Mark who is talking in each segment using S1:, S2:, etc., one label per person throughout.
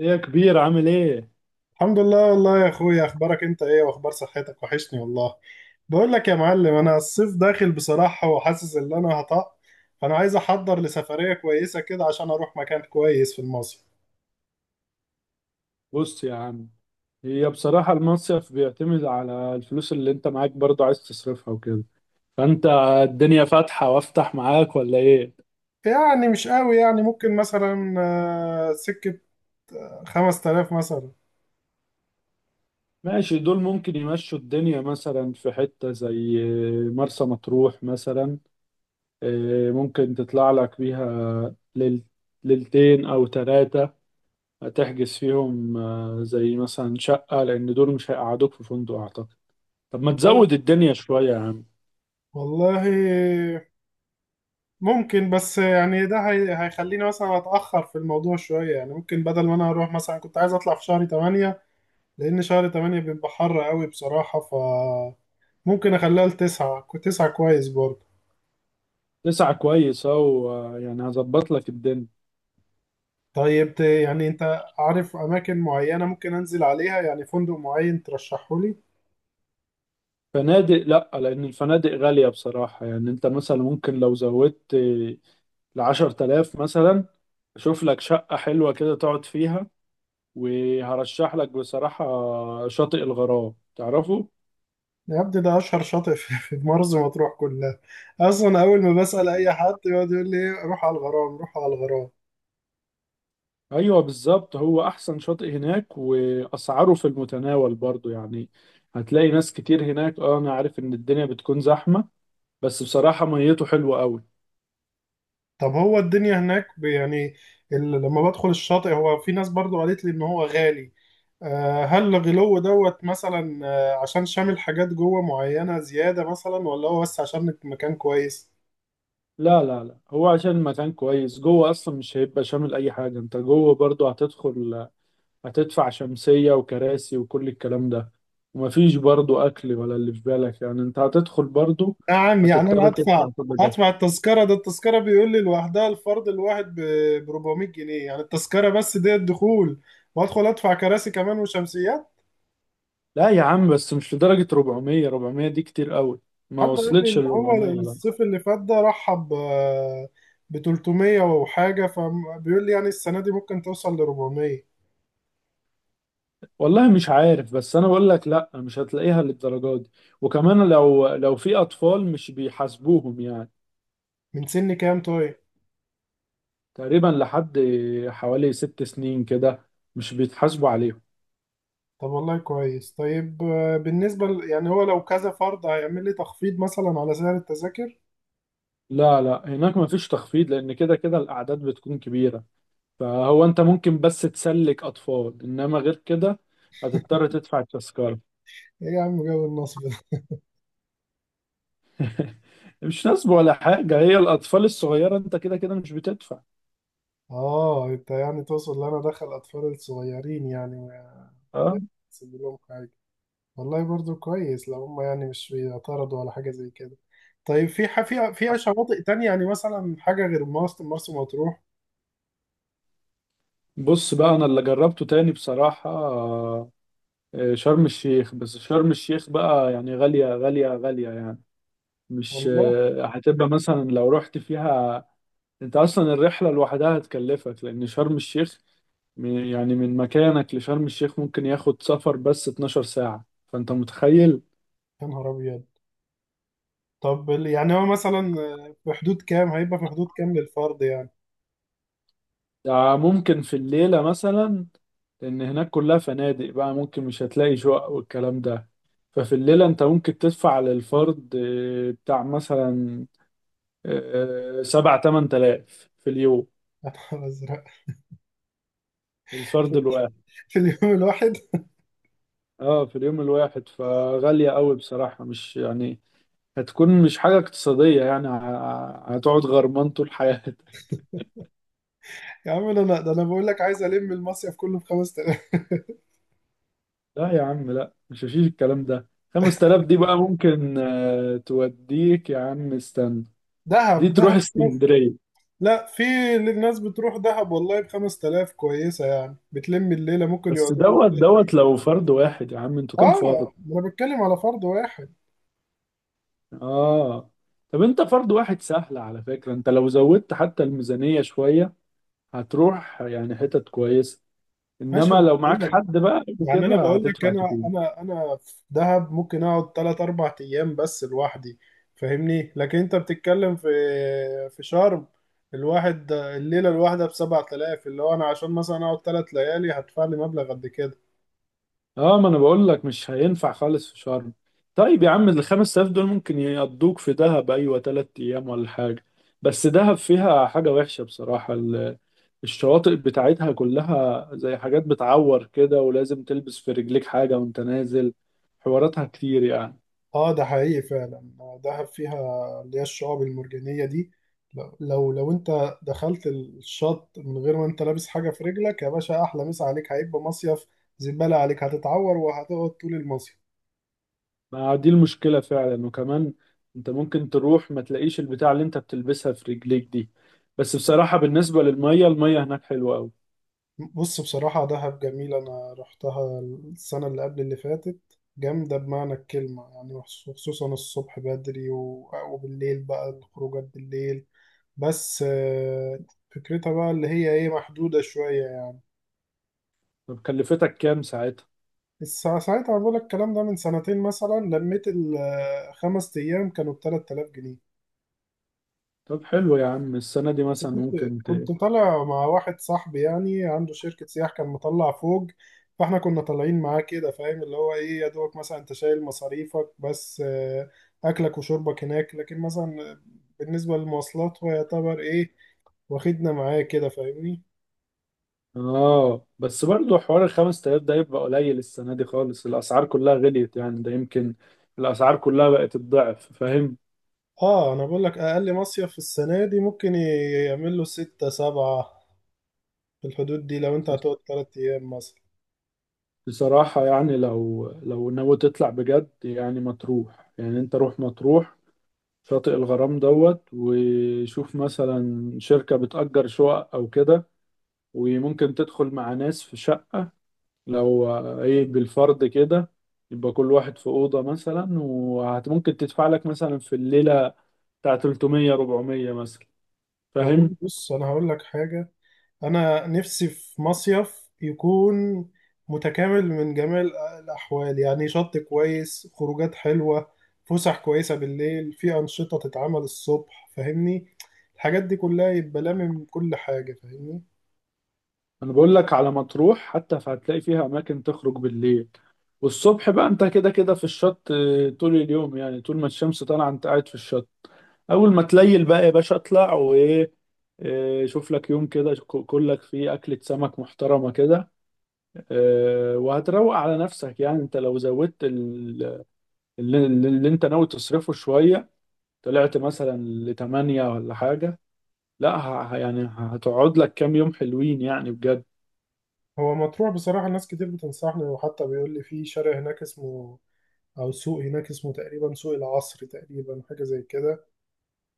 S1: ايه يا كبير، عامل ايه؟
S2: الحمد لله والله يا اخويا، اخبارك انت ايه واخبار صحتك؟ وحشني والله. بقول لك يا معلم، انا الصيف داخل بصراحة وحاسس ان انا هطق، فانا عايز احضر لسفرية كويسة كده عشان اروح مكان كويس في المصيف.
S1: بص يا عم. هي بصراحة المصيف بيعتمد على الفلوس اللي انت معاك، برضه عايز تصرفها وكده. فانت الدنيا فاتحة وافتح معاك ولا ايه؟
S2: يعني مش قوي، يعني ممكن مثلا سكة 5000 مثلا.
S1: ماشي، دول ممكن يمشوا الدنيا مثلا في حتة زي مرسى مطروح مثلا. إيه، ممكن تطلع لك بيها ليلتين او ثلاثة، هتحجز فيهم زي مثلا شقة، لان دول مش هيقعدوك في فندق اعتقد. طب ما
S2: وال-
S1: تزود الدنيا شوية يا عم.
S2: والله ممكن، بس يعني ده هيخليني مثلا اتأخر في الموضوع شوية. يعني ممكن بدل ما انا اروح مثلا، كنت عايز اطلع في شهر 8، لان شهر 8 بيبقى حر قوي بصراحة. ف ممكن اخليها لتسعة تسعة كويس برضه.
S1: تسعة كويس اهو، يعني هظبط لك الدنيا.
S2: طيب يعني انت عارف اماكن معينة ممكن انزل عليها؟ يعني فندق معين ترشحه لي.
S1: فنادق لا، لان الفنادق غالية بصراحة، يعني انت مثلا ممكن لو زودت لعشر تلاف مثلا، اشوف لك شقة حلوة كده تقعد فيها. وهرشح لك بصراحة شاطئ الغرام، تعرفه؟
S2: يا ابني ده اشهر شاطئ في مرسى مطروح كلها. اصلا اول ما بسأل اي حد يقعد يقول لي روح على الغرام، روح على الغرام.
S1: ايوه بالظبط، هو احسن شاطئ هناك واسعاره في المتناول برضو يعني. هتلاقي ناس كتير هناك، انا عارف ان الدنيا بتكون زحمة، بس بصراحة ميته حلوة قوي.
S2: طب هو الدنيا هناك يعني لما بدخل الشاطئ، هو في ناس برضو قالت لي ان هو غالي. هل الغلو دوت مثلا عشان شامل حاجات جوه معينة زيادة مثلا، ولا هو بس عشان مكان كويس؟
S1: لا لا لا، هو عشان مكان كويس جوه، اصلا مش هيبقى شامل اي حاجه، انت جوه برضو هتدخل، هتدفع شمسيه وكراسي وكل الكلام ده. ومفيش برضو اكل ولا اللي في بالك، يعني انت هتدخل برضو
S2: يا عم يعني انا
S1: هتضطر تدفع
S2: هدفع،
S1: كل ده.
S2: هدفع التذكره. ده التذكره بيقول لي لوحدها، الفرد الواحد ب 400 جنيه، يعني التذكره بس دي الدخول، وادخل ادفع كراسي كمان وشمسيات.
S1: لا يا عم، بس مش لدرجه 400، 400 دي كتير قوي، ما
S2: حد قال لي
S1: وصلتش
S2: ان
S1: ل
S2: هو
S1: 400، لا.
S2: الصيف اللي فات ده رحب ب 300 وحاجه، فبيقول لي يعني السنه دي ممكن توصل ل 400.
S1: والله مش عارف، بس انا بقول لك لا مش هتلاقيها للدرجه دي. وكمان لو في اطفال مش بيحاسبوهم يعني.
S2: من سن كام طيب؟
S1: تقريبا لحد حوالي 6 سنين كده مش بيتحاسبوا عليهم.
S2: طب والله كويس. طيب بالنسبه يعني هو لو كذا فرد هيعمل لي تخفيض مثلا على سعر التذاكر؟
S1: لا لا، هناك مفيش تخفيض لأن كده كده الأعداد بتكون كبيرة. فهو أنت ممكن بس تسلك أطفال، إنما غير كده هتضطر تدفع التذكرة.
S2: ايه يا عم جو النصب؟
S1: مش نصب ولا حاجة، هي الأطفال الصغيرة أنت كده كده مش بتدفع.
S2: اه انت يعني تقصد ان انا دخل اطفال الصغيرين يعني. ما
S1: أه.
S2: اسيب لهم حاجه، والله برضو كويس لو هم يعني مش بيعترضوا على حاجه زي كده. طيب في في فيها شواطئ تانية يعني، مثلا حاجه غير مرسى مطروح؟
S1: بص بقى، أنا اللي جربته تاني بصراحة شرم الشيخ. بس شرم الشيخ بقى يعني غالية غالية غالية يعني، مش
S2: والله.
S1: هتبقى مثلا لو رحت فيها، انت اصلا الرحله لوحدها هتكلفك، لان شرم الشيخ يعني من مكانك لشرم الشيخ ممكن ياخد سفر بس 12 ساعه، فانت متخيل.
S2: يا نهار ابيض. طب يعني هو مثلا في حدود كام هيبقى، في حدود كام للفرد يعني؟
S1: ده ممكن في الليله مثلا، لان هناك كلها فنادق بقى، ممكن مش هتلاقي شقق والكلام ده. ففي الليله انت ممكن تدفع للفرد بتاع مثلا اه، سبع تمن تلاف في اليوم.
S2: يا نهار ازرق
S1: الفرد الواحد،
S2: في اليوم الواحد؟
S1: اه، في اليوم الواحد، فغاليه قوي بصراحه مش يعني، هتكون مش حاجة اقتصادية، يعني هتقعد غرمان طول حياتك.
S2: يا عم انا لا، ده انا بقول لك عايز الم المصيف كله في 5000.
S1: لا يا عم لا، مش هشيل الكلام ده. 5000 دي بقى ممكن توديك يا عم، استنى،
S2: دهب،
S1: دي تروح
S2: دهب.
S1: اسكندرية.
S2: لا في ناس بتروح دهب والله ب 5000 كويسة، يعني بتلم الليلة، ممكن
S1: بس
S2: يقعدوا لهم
S1: دوت
S2: ثلاث أيام.
S1: دوت لو فرد واحد يا عم، انتوا كام
S2: اه
S1: فرد؟
S2: انا بتكلم على فرد واحد.
S1: اه. طب انت فرد واحد سهل، على فكرة انت لو زودت حتى الميزانية شوية هتروح يعني حتت كويسة،
S2: ماشي، ما
S1: انما
S2: أنا
S1: لو
S2: بقول
S1: معاك
S2: لك.
S1: حد بقى
S2: يعني انا
S1: وكده
S2: بقول لك،
S1: هتدفع
S2: انا
S1: كتير.
S2: انا انا في دهب ممكن اقعد 3 4 ايام بس لوحدي، فاهمني. لكن انت بتتكلم في في شرم، الواحد الليلة الواحدة ب 7000، اللي هو انا عشان مثلا اقعد 3 ليالي هدفع لي مبلغ قد كده.
S1: اه، ما انا بقول لك مش هينفع خالص في شرم. طيب يا عم ال 5000 دول ممكن يقضوك في دهب، ايوه 3 ايام ولا حاجه. بس دهب فيها حاجه وحشه بصراحه، الشواطئ بتاعتها كلها زي حاجات بتعور كده، ولازم تلبس في رجليك حاجه وانت نازل، حواراتها كتير يعني.
S2: اه ده حقيقي فعلا. دهب فيها اللي هي الشعاب المرجانية دي، لو انت دخلت الشط من غير ما انت لابس حاجة في رجلك، يا باشا احلى مسا عليك، هيبقى مصيف زبالة عليك، هتتعور وهتقعد طول المصيف.
S1: ما دي المشكله فعلا، وكمان انت ممكن تروح ما تلاقيش البتاع اللي انت بتلبسها في رجليك دي. بس بصراحه بالنسبه للميه، الميه هناك حلوه قوي.
S2: بص بصراحة دهب جميلة، انا رحتها السنة اللي قبل اللي فاتت. جامدة بمعنى الكلمة يعني، وخصوصا الصبح بدري وبالليل بقى الخروجات بالليل. بس فكرتها بقى اللي هي ايه محدودة شوية يعني.
S1: طب كلفتك كام؟
S2: بس ساعتها بقول لك الكلام ده من سنتين مثلا، لميت الخمس أيام كانوا ب 3000 جنيه.
S1: طب حلو يا عم، السنة دي
S2: بس
S1: مثلا ممكن ت...
S2: كنت طالع مع واحد صاحبي، يعني عنده شركة سياح، كان مطلع فوق، فاحنا كنا طالعين معاه كده، فاهم؟ اللي هو ايه يا دوبك مثلا انت شايل مصاريفك بس. أكلك وشربك هناك، لكن مثلا بالنسبة للمواصلات هو يعتبر ايه، واخدنا معاه كده، فاهمني.
S1: اه بس برضه حوار الخمس تلاف ده يبقى قليل، السنة دي خالص الأسعار كلها غليت يعني، ده يمكن الأسعار كلها بقت الضعف، فاهم؟
S2: اه انا بقول لك، اقل مصيف في السنة دي ممكن يعمل له ستة سبعة، في الحدود دي لو انت هتقعد تلات ايام مثلا.
S1: بصراحة يعني لو ناوي تطلع بجد يعني مطروح، يعني انت روح مطروح شاطئ الغرام دوت، وشوف مثلا شركة بتأجر شقق أو كده، وممكن تدخل مع ناس في شقة، لو ايه بالفرد كده، يبقى كل واحد في أوضة مثلا، وممكن تدفع لك مثلا في الليلة بتاع 300 400 مثلا،
S2: والله
S1: فاهم؟
S2: بص، انا هقول لك حاجة. انا نفسي في مصيف يكون متكامل من جميع الاحوال، يعني شط كويس، خروجات حلوة، فسح كويسة بالليل، في انشطة تتعمل الصبح، فاهمني؟ الحاجات دي كلها يبقى لامم كل حاجة، فاهمني.
S1: انا بقول لك على مطروح حتى، فهتلاقي فيها اماكن تخرج بالليل، والصبح بقى انت كده كده في الشط طول اليوم يعني، طول ما الشمس طالعة انت قاعد في الشط. اول ما تليل بقى يا باشا اطلع وايه، آه، شوف لك يوم كده كلك فيه أكلة سمك محترمة كده وهتروق على نفسك. يعني انت لو زودت اللي انت ناوي تصرفه شوية، طلعت مثلا لتمانية ولا حاجة، لا يعني هتقعد لك كام يوم حلوين يعني بجد.
S2: هو مطروح بصراحة ناس كتير بتنصحني، وحتى بيقول لي في شارع هناك اسمه او سوق هناك اسمه تقريبا سوق العصر تقريبا، حاجة زي كده.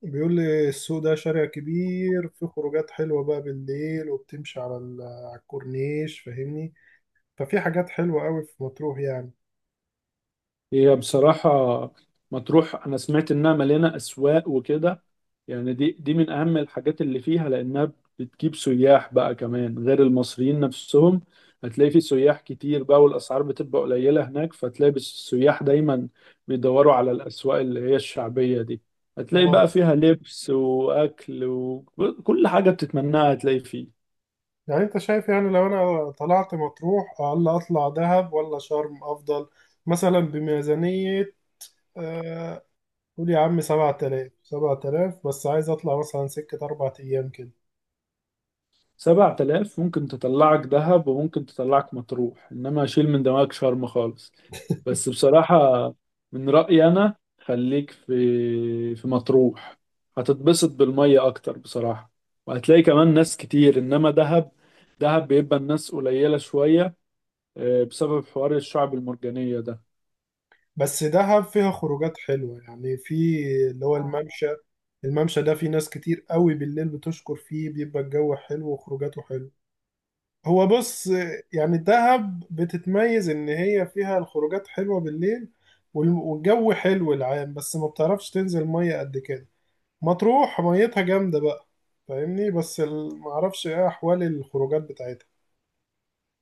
S2: بيقول لي السوق ده شارع كبير، في خروجات حلوة بقى بالليل، وبتمشي على على الكورنيش، فاهمني؟ ففي حاجات حلوة قوي في مطروح يعني.
S1: هي بصراحة مطروح، أنا سمعت إنها مليانة أسواق وكده، يعني دي من أهم الحاجات اللي فيها، لأنها بتجيب سياح بقى كمان غير المصريين نفسهم. هتلاقي في سياح كتير بقى، والأسعار بتبقى قليلة هناك، فتلاقي بس السياح دايما بيدوروا على الأسواق اللي هي الشعبية دي. هتلاقي
S2: اه.
S1: بقى فيها لبس وأكل وكل حاجة بتتمناها هتلاقي فيه.
S2: يعني انت شايف يعني لو انا طلعت مطروح، ولا اطلع دهب، ولا شرم افضل مثلا بميزانية آه، قول يا عم سبعة آلاف؟ سبعة آلاف بس، عايز اطلع مثلا سكة أربع أيام كده.
S1: 7000 ممكن تطلعك دهب وممكن تطلعك مطروح، إنما شيل من دماغك شرم خالص. بس بصراحة من رأيي، أنا خليك في مطروح، هتتبسط بالمية أكتر بصراحة، وهتلاقي كمان ناس كتير، إنما دهب، دهب بيبقى الناس قليلة شوية بسبب حوار الشعب المرجانية ده.
S2: بس دهب فيها خروجات حلوة يعني، في اللي هو الممشى ده في ناس كتير قوي بالليل بتشكر فيه، بيبقى الجو حلو وخروجاته حلو. هو بص، يعني دهب بتتميز إن هي فيها الخروجات حلوة بالليل والجو حلو العام، بس ما بتعرفش تنزل مية قد كده. مطروح ميتها جامدة بقى، فاهمني. بس معرفش ايه أحوال الخروجات بتاعتها.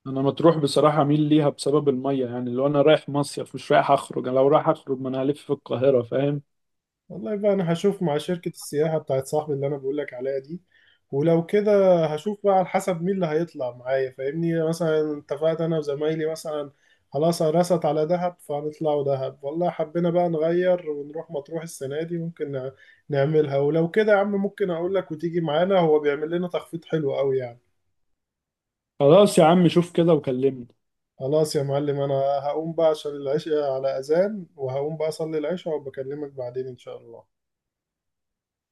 S1: أنا مطروح بصراحة أميل ليها بسبب المية، يعني لو أنا رايح مصيف مش رايح أخرج، أنا لو رايح أخرج ما أنا هلف في القاهرة فاهم.
S2: والله بقى انا هشوف مع شركة السياحة بتاعت صاحبي اللي انا بقولك عليها دي، ولو كده هشوف بقى على حسب مين اللي هيطلع معايا، فاهمني؟ مثلا اتفقت انا وزمايلي مثلا خلاص رست على دهب، فهنطلعوا دهب. والله حبينا بقى نغير ونروح مطروح السنة دي، ممكن نعملها. ولو كده يا عم ممكن اقولك وتيجي معانا، هو بيعمل لنا تخفيض حلو قوي يعني.
S1: خلاص يا عم شوف كده وكلمني.
S2: خلاص يا معلم، انا هقوم بقى عشان العشاء على اذان، وهقوم بقى اصلي العشاء وبكلمك بعدين ان شاء الله.